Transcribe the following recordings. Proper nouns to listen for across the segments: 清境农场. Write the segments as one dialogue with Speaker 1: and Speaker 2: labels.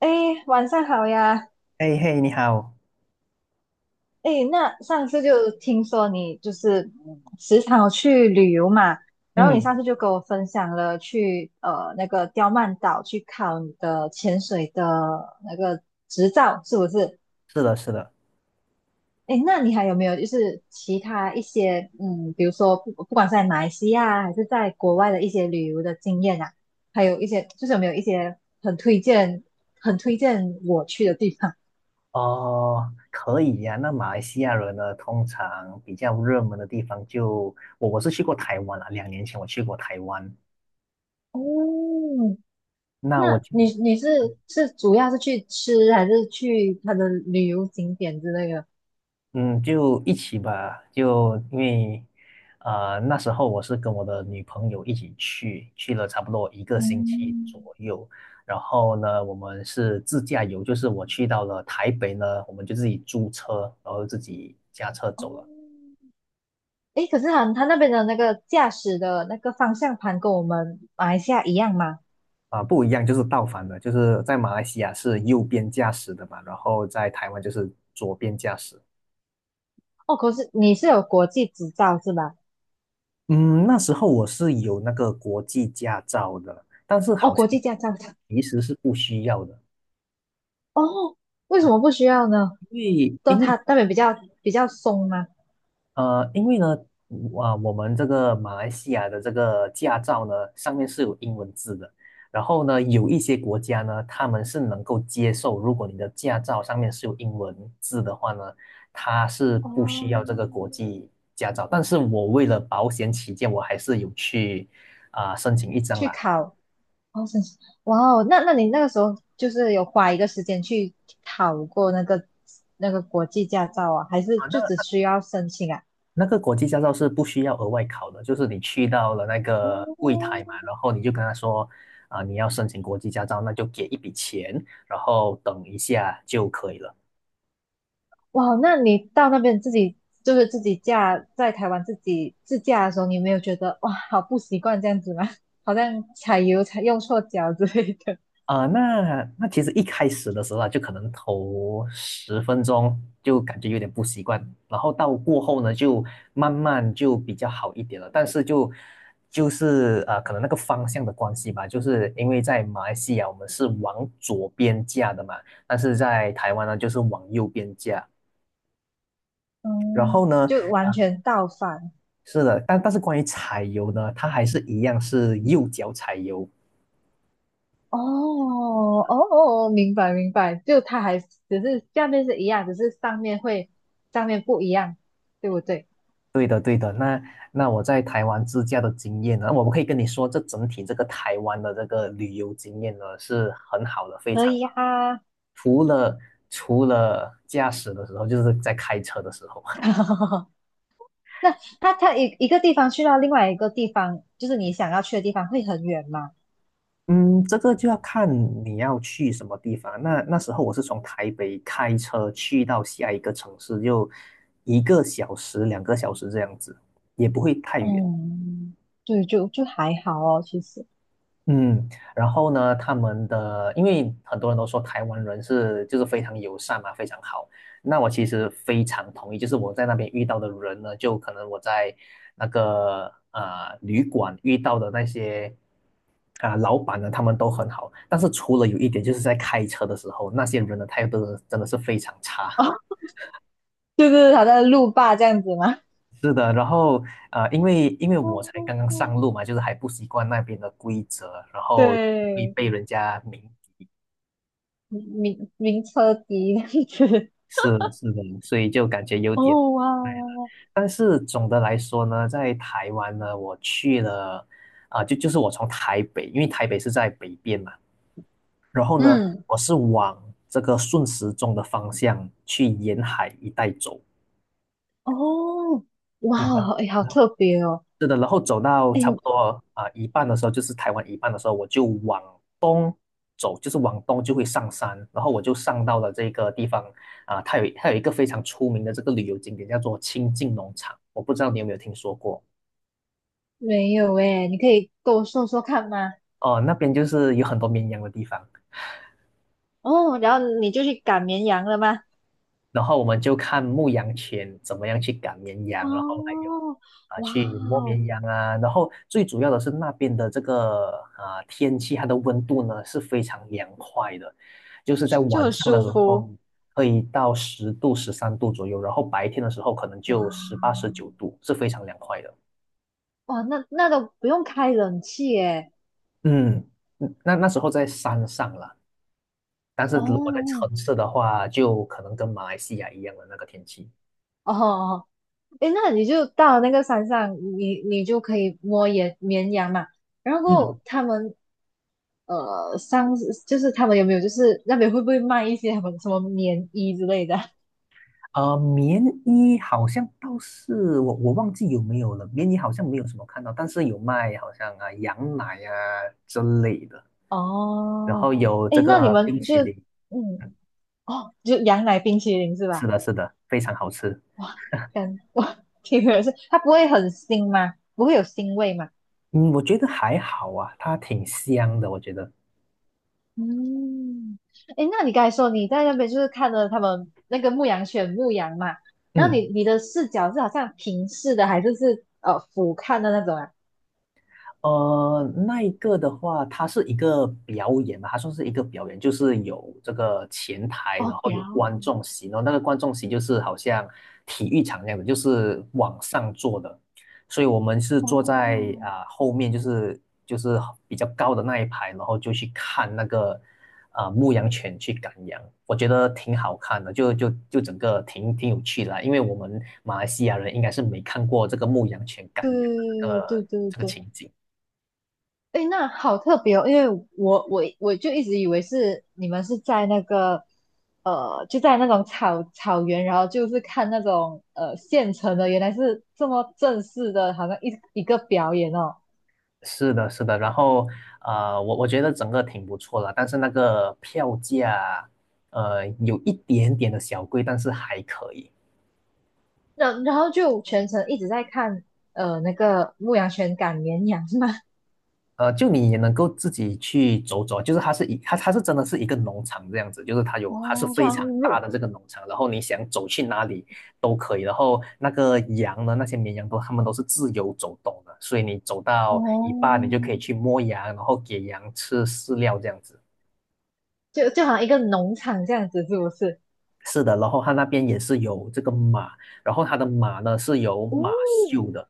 Speaker 1: 哎，晚上好呀！
Speaker 2: 嘿嘿，你好。
Speaker 1: 哎，那上次就听说你就是时常有去旅游嘛，然后你
Speaker 2: 嗯，
Speaker 1: 上次就跟我分享了去那个刁曼岛去考你的潜水的那个执照，是不是？
Speaker 2: 是的，是的。
Speaker 1: 哎，那你还有没有就是其他一些，比如说不管是在马来西亚还是在国外的一些旅游的经验啊，还有一些就是有没有一些很推荐我去的地方？
Speaker 2: 哦，可以呀、那马来西亚人呢，通常比较热门的地方就我是去过台湾了。2年前我去过台湾。
Speaker 1: 哦，
Speaker 2: 那我
Speaker 1: 那
Speaker 2: 去，
Speaker 1: 你是是主要是去吃，还是去它的旅游景点之类的？
Speaker 2: 嗯，就一起吧，就因为，那时候我是跟我的女朋友一起去，去了差不多1个星期左
Speaker 1: 嗯，
Speaker 2: 右。然后呢，我们是自驾游，就是我去到了台北呢，我们就自己租车，然后自己驾车走了。
Speaker 1: 哦，诶，可是他那边的那个驾驶的那个方向盘跟我们马来西亚一样吗？
Speaker 2: 啊，不一样，就是倒反的，就是在马来西亚是右边驾驶的嘛，然后在台湾就是左边驾驶。
Speaker 1: 哦，可是你是有国际执照是吧？
Speaker 2: 嗯，那时候我是有那个国际驾照的，但是
Speaker 1: 哦，
Speaker 2: 好像
Speaker 1: 国际驾照的。
Speaker 2: 其实是不需要的。
Speaker 1: 哦，为什么不需要呢？
Speaker 2: 因为
Speaker 1: 都
Speaker 2: 因为
Speaker 1: 他那边比较松吗？
Speaker 2: 因为呢，我们这个马来西亚的这个驾照呢，上面是有英文字的。然后呢，有一些国家呢，他们是能够接受，如果你的驾照上面是有英文字的话呢，它是不需要这
Speaker 1: 哦，
Speaker 2: 个国际驾照。但是我为了保险起见，我还是有去申请一张
Speaker 1: 去
Speaker 2: 啦。
Speaker 1: 考。哦，神奇，哇哦，那你那个时候就是有花一个时间去考过那个国际驾照啊，还是
Speaker 2: 啊，
Speaker 1: 就只
Speaker 2: 那
Speaker 1: 需要申请啊？
Speaker 2: 那个国际驾照是不需要额外考的，就是你去到了那个柜
Speaker 1: 哦，
Speaker 2: 台嘛，然后你就跟他说，你要申请国际驾照，那就给一笔钱，然后等一下就可以了。
Speaker 1: 哇，那你到那边自己就是自己驾，在台湾自己自驾的时候，你有没有觉得哇，好不习惯这样子吗？好像踩油踩用错脚之类的，
Speaker 2: 那其实一开始的时候啊，就可能头10分钟就感觉有点不习惯，然后到过后呢，就慢慢就比较好一点了。但是就是可能那个方向的关系吧，就是因为在马来西亚我们是往左边架的嘛，但是在台湾呢就是往右边架。然后
Speaker 1: 嗯，
Speaker 2: 呢，
Speaker 1: 就完全倒反。
Speaker 2: 是的，但是关于踩油呢，它还是一样是右脚踩油。
Speaker 1: 哦哦，哦哦，明白明白，就它还只是下面是一样，只是上面不一样，对不对？
Speaker 2: 对。那我在台湾自驾的经验呢，我可以跟你说，这整体这个台湾的这个旅游经验呢是很好的，非
Speaker 1: 可
Speaker 2: 常
Speaker 1: 以
Speaker 2: 好。
Speaker 1: 啊。
Speaker 2: 除了除了驾驶的时候，就是在开车的时候。
Speaker 1: 那它一个地方去到另外一个地方，就是你想要去的地方，会很远吗？
Speaker 2: 嗯，这个就要看你要去什么地方。那时候我是从台北开车去到下一个城市，就1个小时、2个小时这样子，也不会太远。
Speaker 1: 嗯，对，就还好哦，其实
Speaker 2: 嗯，然后呢，他们的，因为很多人都说台湾人是就是非常友善嘛，非常好。那我其实非常同意，就是我在那边遇到的人呢，就可能我在那个旅馆遇到的那些老板呢，他们都很好。但是除了有一点，就是在开车的时候，那些人的态度真的是非常差。
Speaker 1: 哦，就是好像路霸这样子吗？
Speaker 2: 是的，然后因为
Speaker 1: 嗯
Speaker 2: 我才
Speaker 1: 嗯
Speaker 2: 刚刚上
Speaker 1: 嗯，
Speaker 2: 路嘛，就是还不习惯那边的规则，然后会
Speaker 1: 对，
Speaker 2: 被人家明。
Speaker 1: 名车笛这样子。
Speaker 2: 是的是的，所以就感觉有点。
Speaker 1: 哦哇，
Speaker 2: 累了。但是总的来说呢，在台湾呢，我去了就是我从台北，因为台北是在北边嘛，然后呢，
Speaker 1: 嗯。
Speaker 2: 我是往这个顺时钟的方向去沿海一带走。
Speaker 1: 哦，哇
Speaker 2: 嗯，
Speaker 1: 哦，哎，好特别哦，
Speaker 2: 是的，然后走到
Speaker 1: 哎，
Speaker 2: 差不多一半的时候，就是台湾一半的时候，我就往东走，就是往东就会上山，然后我就上到了这个地方它有一个非常出名的这个旅游景点，叫做清境农场，我不知道你有没有听说过。
Speaker 1: 没有哎，你可以跟我说说看吗？
Speaker 2: 哦、那边就是有很多绵羊的地方。
Speaker 1: 哦，然后你就去赶绵羊了吗？
Speaker 2: 然后我们就看牧羊犬怎么样去赶绵羊，然后还有
Speaker 1: 哦，哇
Speaker 2: 去摸
Speaker 1: 哦，
Speaker 2: 绵羊啊，然后最主要的是那边的这个天气，它的温度呢是非常凉快的，就是在
Speaker 1: 就
Speaker 2: 晚
Speaker 1: 很
Speaker 2: 上的
Speaker 1: 舒
Speaker 2: 时候
Speaker 1: 服，
Speaker 2: 可以到10度、13度左右，然后白天的时候可能
Speaker 1: 哇
Speaker 2: 就18、19度，是非常凉快的。
Speaker 1: 哇，那那都不用开冷气哎，
Speaker 2: 嗯，那时候在山上了，但是如果在
Speaker 1: 哦
Speaker 2: 城市的话，就可能跟马来西亚一样的那个天气。
Speaker 1: 哦，哎，那你就到那个山上，你你就可以摸野绵羊嘛，然
Speaker 2: 嗯。
Speaker 1: 后他们。呃，上就是他们有没有就是那边会不会卖一些什么什么棉衣之类的？
Speaker 2: 棉衣好像倒是我忘记有没有了，棉衣好像没有什么看到，但是有卖好像羊奶啊之类的，然
Speaker 1: 哦，
Speaker 2: 后有
Speaker 1: 哎，
Speaker 2: 这
Speaker 1: 那你
Speaker 2: 个
Speaker 1: 们
Speaker 2: 冰淇
Speaker 1: 就
Speaker 2: 淋，
Speaker 1: 嗯哦，就羊奶冰淇淋是
Speaker 2: 是
Speaker 1: 吧？
Speaker 2: 的，是的，非常好吃。
Speaker 1: 哇，感 哇，听意是它不会很腥吗？不会有腥味吗？
Speaker 2: 嗯，我觉得还好啊，它挺香的，我觉得。
Speaker 1: 嗯，哎，那你刚才说你在那边就是看了他们那个牧羊犬牧羊嘛，然后你
Speaker 2: 嗯
Speaker 1: 你的视角是好像平视的，还是是俯瞰的那种啊？
Speaker 2: 那一个的话，它是一个表演嘛，它算是一个表演，就是有这个前台，
Speaker 1: 哦，
Speaker 2: 然后有
Speaker 1: 表
Speaker 2: 观
Speaker 1: 演
Speaker 2: 众席，然后那个观众席就是好像体育场那样的，就是往上坐的，所以我们是坐在
Speaker 1: 哦，
Speaker 2: 后面，就是比较高的那一排，然后就去看那个牧羊犬去赶羊，我觉得挺好看的，就整个挺有趣的啦。因为我们马来西亚人应该是没看过这个牧羊犬赶羊的这
Speaker 1: 对对
Speaker 2: 个
Speaker 1: 对
Speaker 2: 这个
Speaker 1: 对，
Speaker 2: 情景。
Speaker 1: 哎，诶那好特别哦，因为我就一直以为是你们是在那个，就在那种草原，然后就是看那种现成的，原来是这么正式的，好像一个表演哦。
Speaker 2: 是的，是的，然后我觉得整个挺不错的，但是那个票价，有一点点的小贵，但是还可以。
Speaker 1: 然然后就全程一直在看那个牧羊犬赶绵羊是吗？
Speaker 2: 就你也能够自己去走走，就是它真的是一个农场这样子，就是它 有还是
Speaker 1: 哦，就
Speaker 2: 非
Speaker 1: 好像
Speaker 2: 常大
Speaker 1: 入
Speaker 2: 的这个农场，然后你想走去哪里都可以，然后那个羊呢，那些绵羊都它们都是自由走动的，所以你走到
Speaker 1: 哦，
Speaker 2: 一半你就可以去摸羊，然后给羊吃饲料这样子。
Speaker 1: 就就好像一个农场这样子，是不是？
Speaker 2: 是的，然后他那边也是有这个马，然后他的马呢是有马
Speaker 1: 嗯，
Speaker 2: 厩的。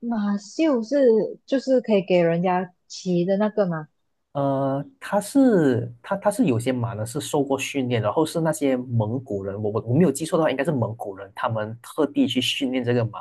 Speaker 1: 马秀是就是可以给人家骑的那个吗？
Speaker 2: 他是他他是有些马呢是受过训练，然后是那些蒙古人，我没有记错的话，应该是蒙古人，他们特地去训练这个马，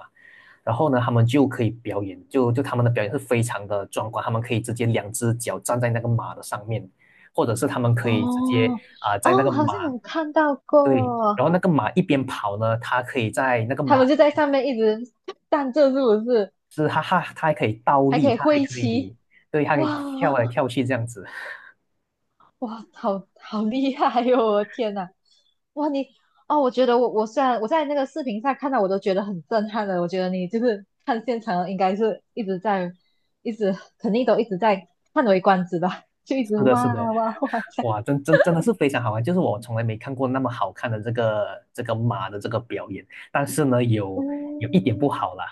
Speaker 2: 然后呢，他们就可以表演，就他们的表演是非常的壮观，他们可以直接两只脚站在那个马的上面，或者是他们可以直接
Speaker 1: 哦
Speaker 2: 在那个
Speaker 1: 哦，好像
Speaker 2: 马。
Speaker 1: 有看到
Speaker 2: 对。然
Speaker 1: 过，
Speaker 2: 后那个马一边跑呢，它可以在那个
Speaker 1: 他
Speaker 2: 马。
Speaker 1: 们就在上面一直站着，是不是？
Speaker 2: 是，哈哈，它还可以倒
Speaker 1: 还可
Speaker 2: 立，
Speaker 1: 以
Speaker 2: 它还
Speaker 1: 挥
Speaker 2: 可
Speaker 1: 旗，
Speaker 2: 以，对，它可以
Speaker 1: 哇
Speaker 2: 跳来跳去这样子。
Speaker 1: 哇，好好厉害哟、我的天哪，哇你哦，我觉得我虽然我在那个视频上看到，我都觉得很震撼的。我觉得你就是看现场，应该是一直在一直肯定都一直在叹为观止吧，就一 直
Speaker 2: 是的，
Speaker 1: 哇
Speaker 2: 是的，
Speaker 1: 哇哇这样，
Speaker 2: 哇，真的是非常好玩，就是我从来没看过那么好看的这个马的这个表演。但是呢，有一点不
Speaker 1: 嗯
Speaker 2: 好啦，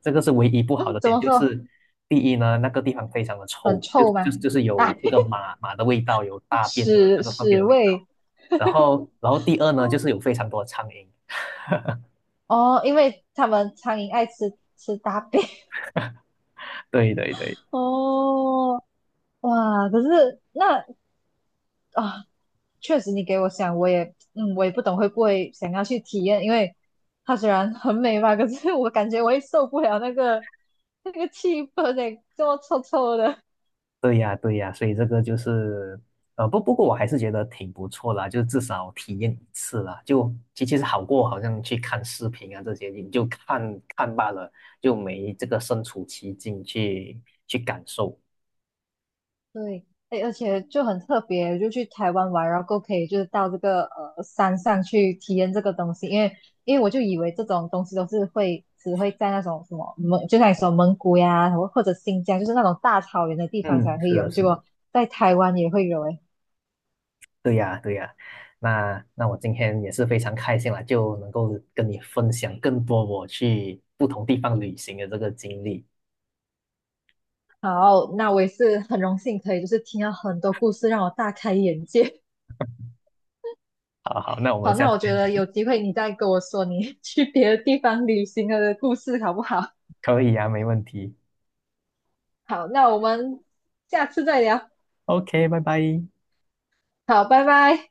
Speaker 2: 这个是唯一不好
Speaker 1: 嗯
Speaker 2: 的
Speaker 1: 怎
Speaker 2: 点，
Speaker 1: 么
Speaker 2: 就
Speaker 1: 说？
Speaker 2: 是第一呢，那个地方非常的
Speaker 1: 很
Speaker 2: 臭，就是
Speaker 1: 臭
Speaker 2: 就
Speaker 1: 吗？
Speaker 2: 是就是
Speaker 1: 啊，
Speaker 2: 有这个马的味道，有 大便的
Speaker 1: 屎
Speaker 2: 那个粪便
Speaker 1: 屎
Speaker 2: 的味道。
Speaker 1: 味。
Speaker 2: 然后第二呢，就是有非常多的苍蝇。
Speaker 1: 哦，因为他们苍蝇爱吃吃大便。
Speaker 2: 对对对。
Speaker 1: 哦，哇，可是那啊，确实你给我想，我也，我也不懂会不会想要去体验，因为它虽然很美吧，可是我感觉我也受不了那个气氛诶，这么臭臭的。
Speaker 2: 对呀，对呀，所以这个就是，不过我还是觉得挺不错啦，就至少体验一次啦，就其实好过好像去看视频啊这些，你就看看罢了，就没这个身处其境去感受。
Speaker 1: 对，哎，而且就很特别，就去台湾玩，然后够可以就是到这个山上去体验这个东西，因为我就以为这种东西都是会只会在那种什么蒙，就像你说蒙古呀，或者新疆，就是那种大草原的地方
Speaker 2: 嗯，
Speaker 1: 才会
Speaker 2: 是
Speaker 1: 有，
Speaker 2: 的，
Speaker 1: 结
Speaker 2: 是的。
Speaker 1: 果在台湾也会有哎。
Speaker 2: 对呀，对呀，那我今天也是非常开心啦，就能够跟你分享更多我去不同地方旅行的这个经历。
Speaker 1: 好，那我也是很荣幸可以就是听到很多故事，让我大开眼界。
Speaker 2: 好好，那我 们
Speaker 1: 好，
Speaker 2: 下
Speaker 1: 那
Speaker 2: 次
Speaker 1: 我觉
Speaker 2: 再
Speaker 1: 得有
Speaker 2: 聊。
Speaker 1: 机会你再跟我说你 去别的地方旅行的故事好不好？
Speaker 2: 可以呀，没问题。
Speaker 1: 好，那我们下次再聊。
Speaker 2: OK，拜拜。
Speaker 1: 好，拜拜。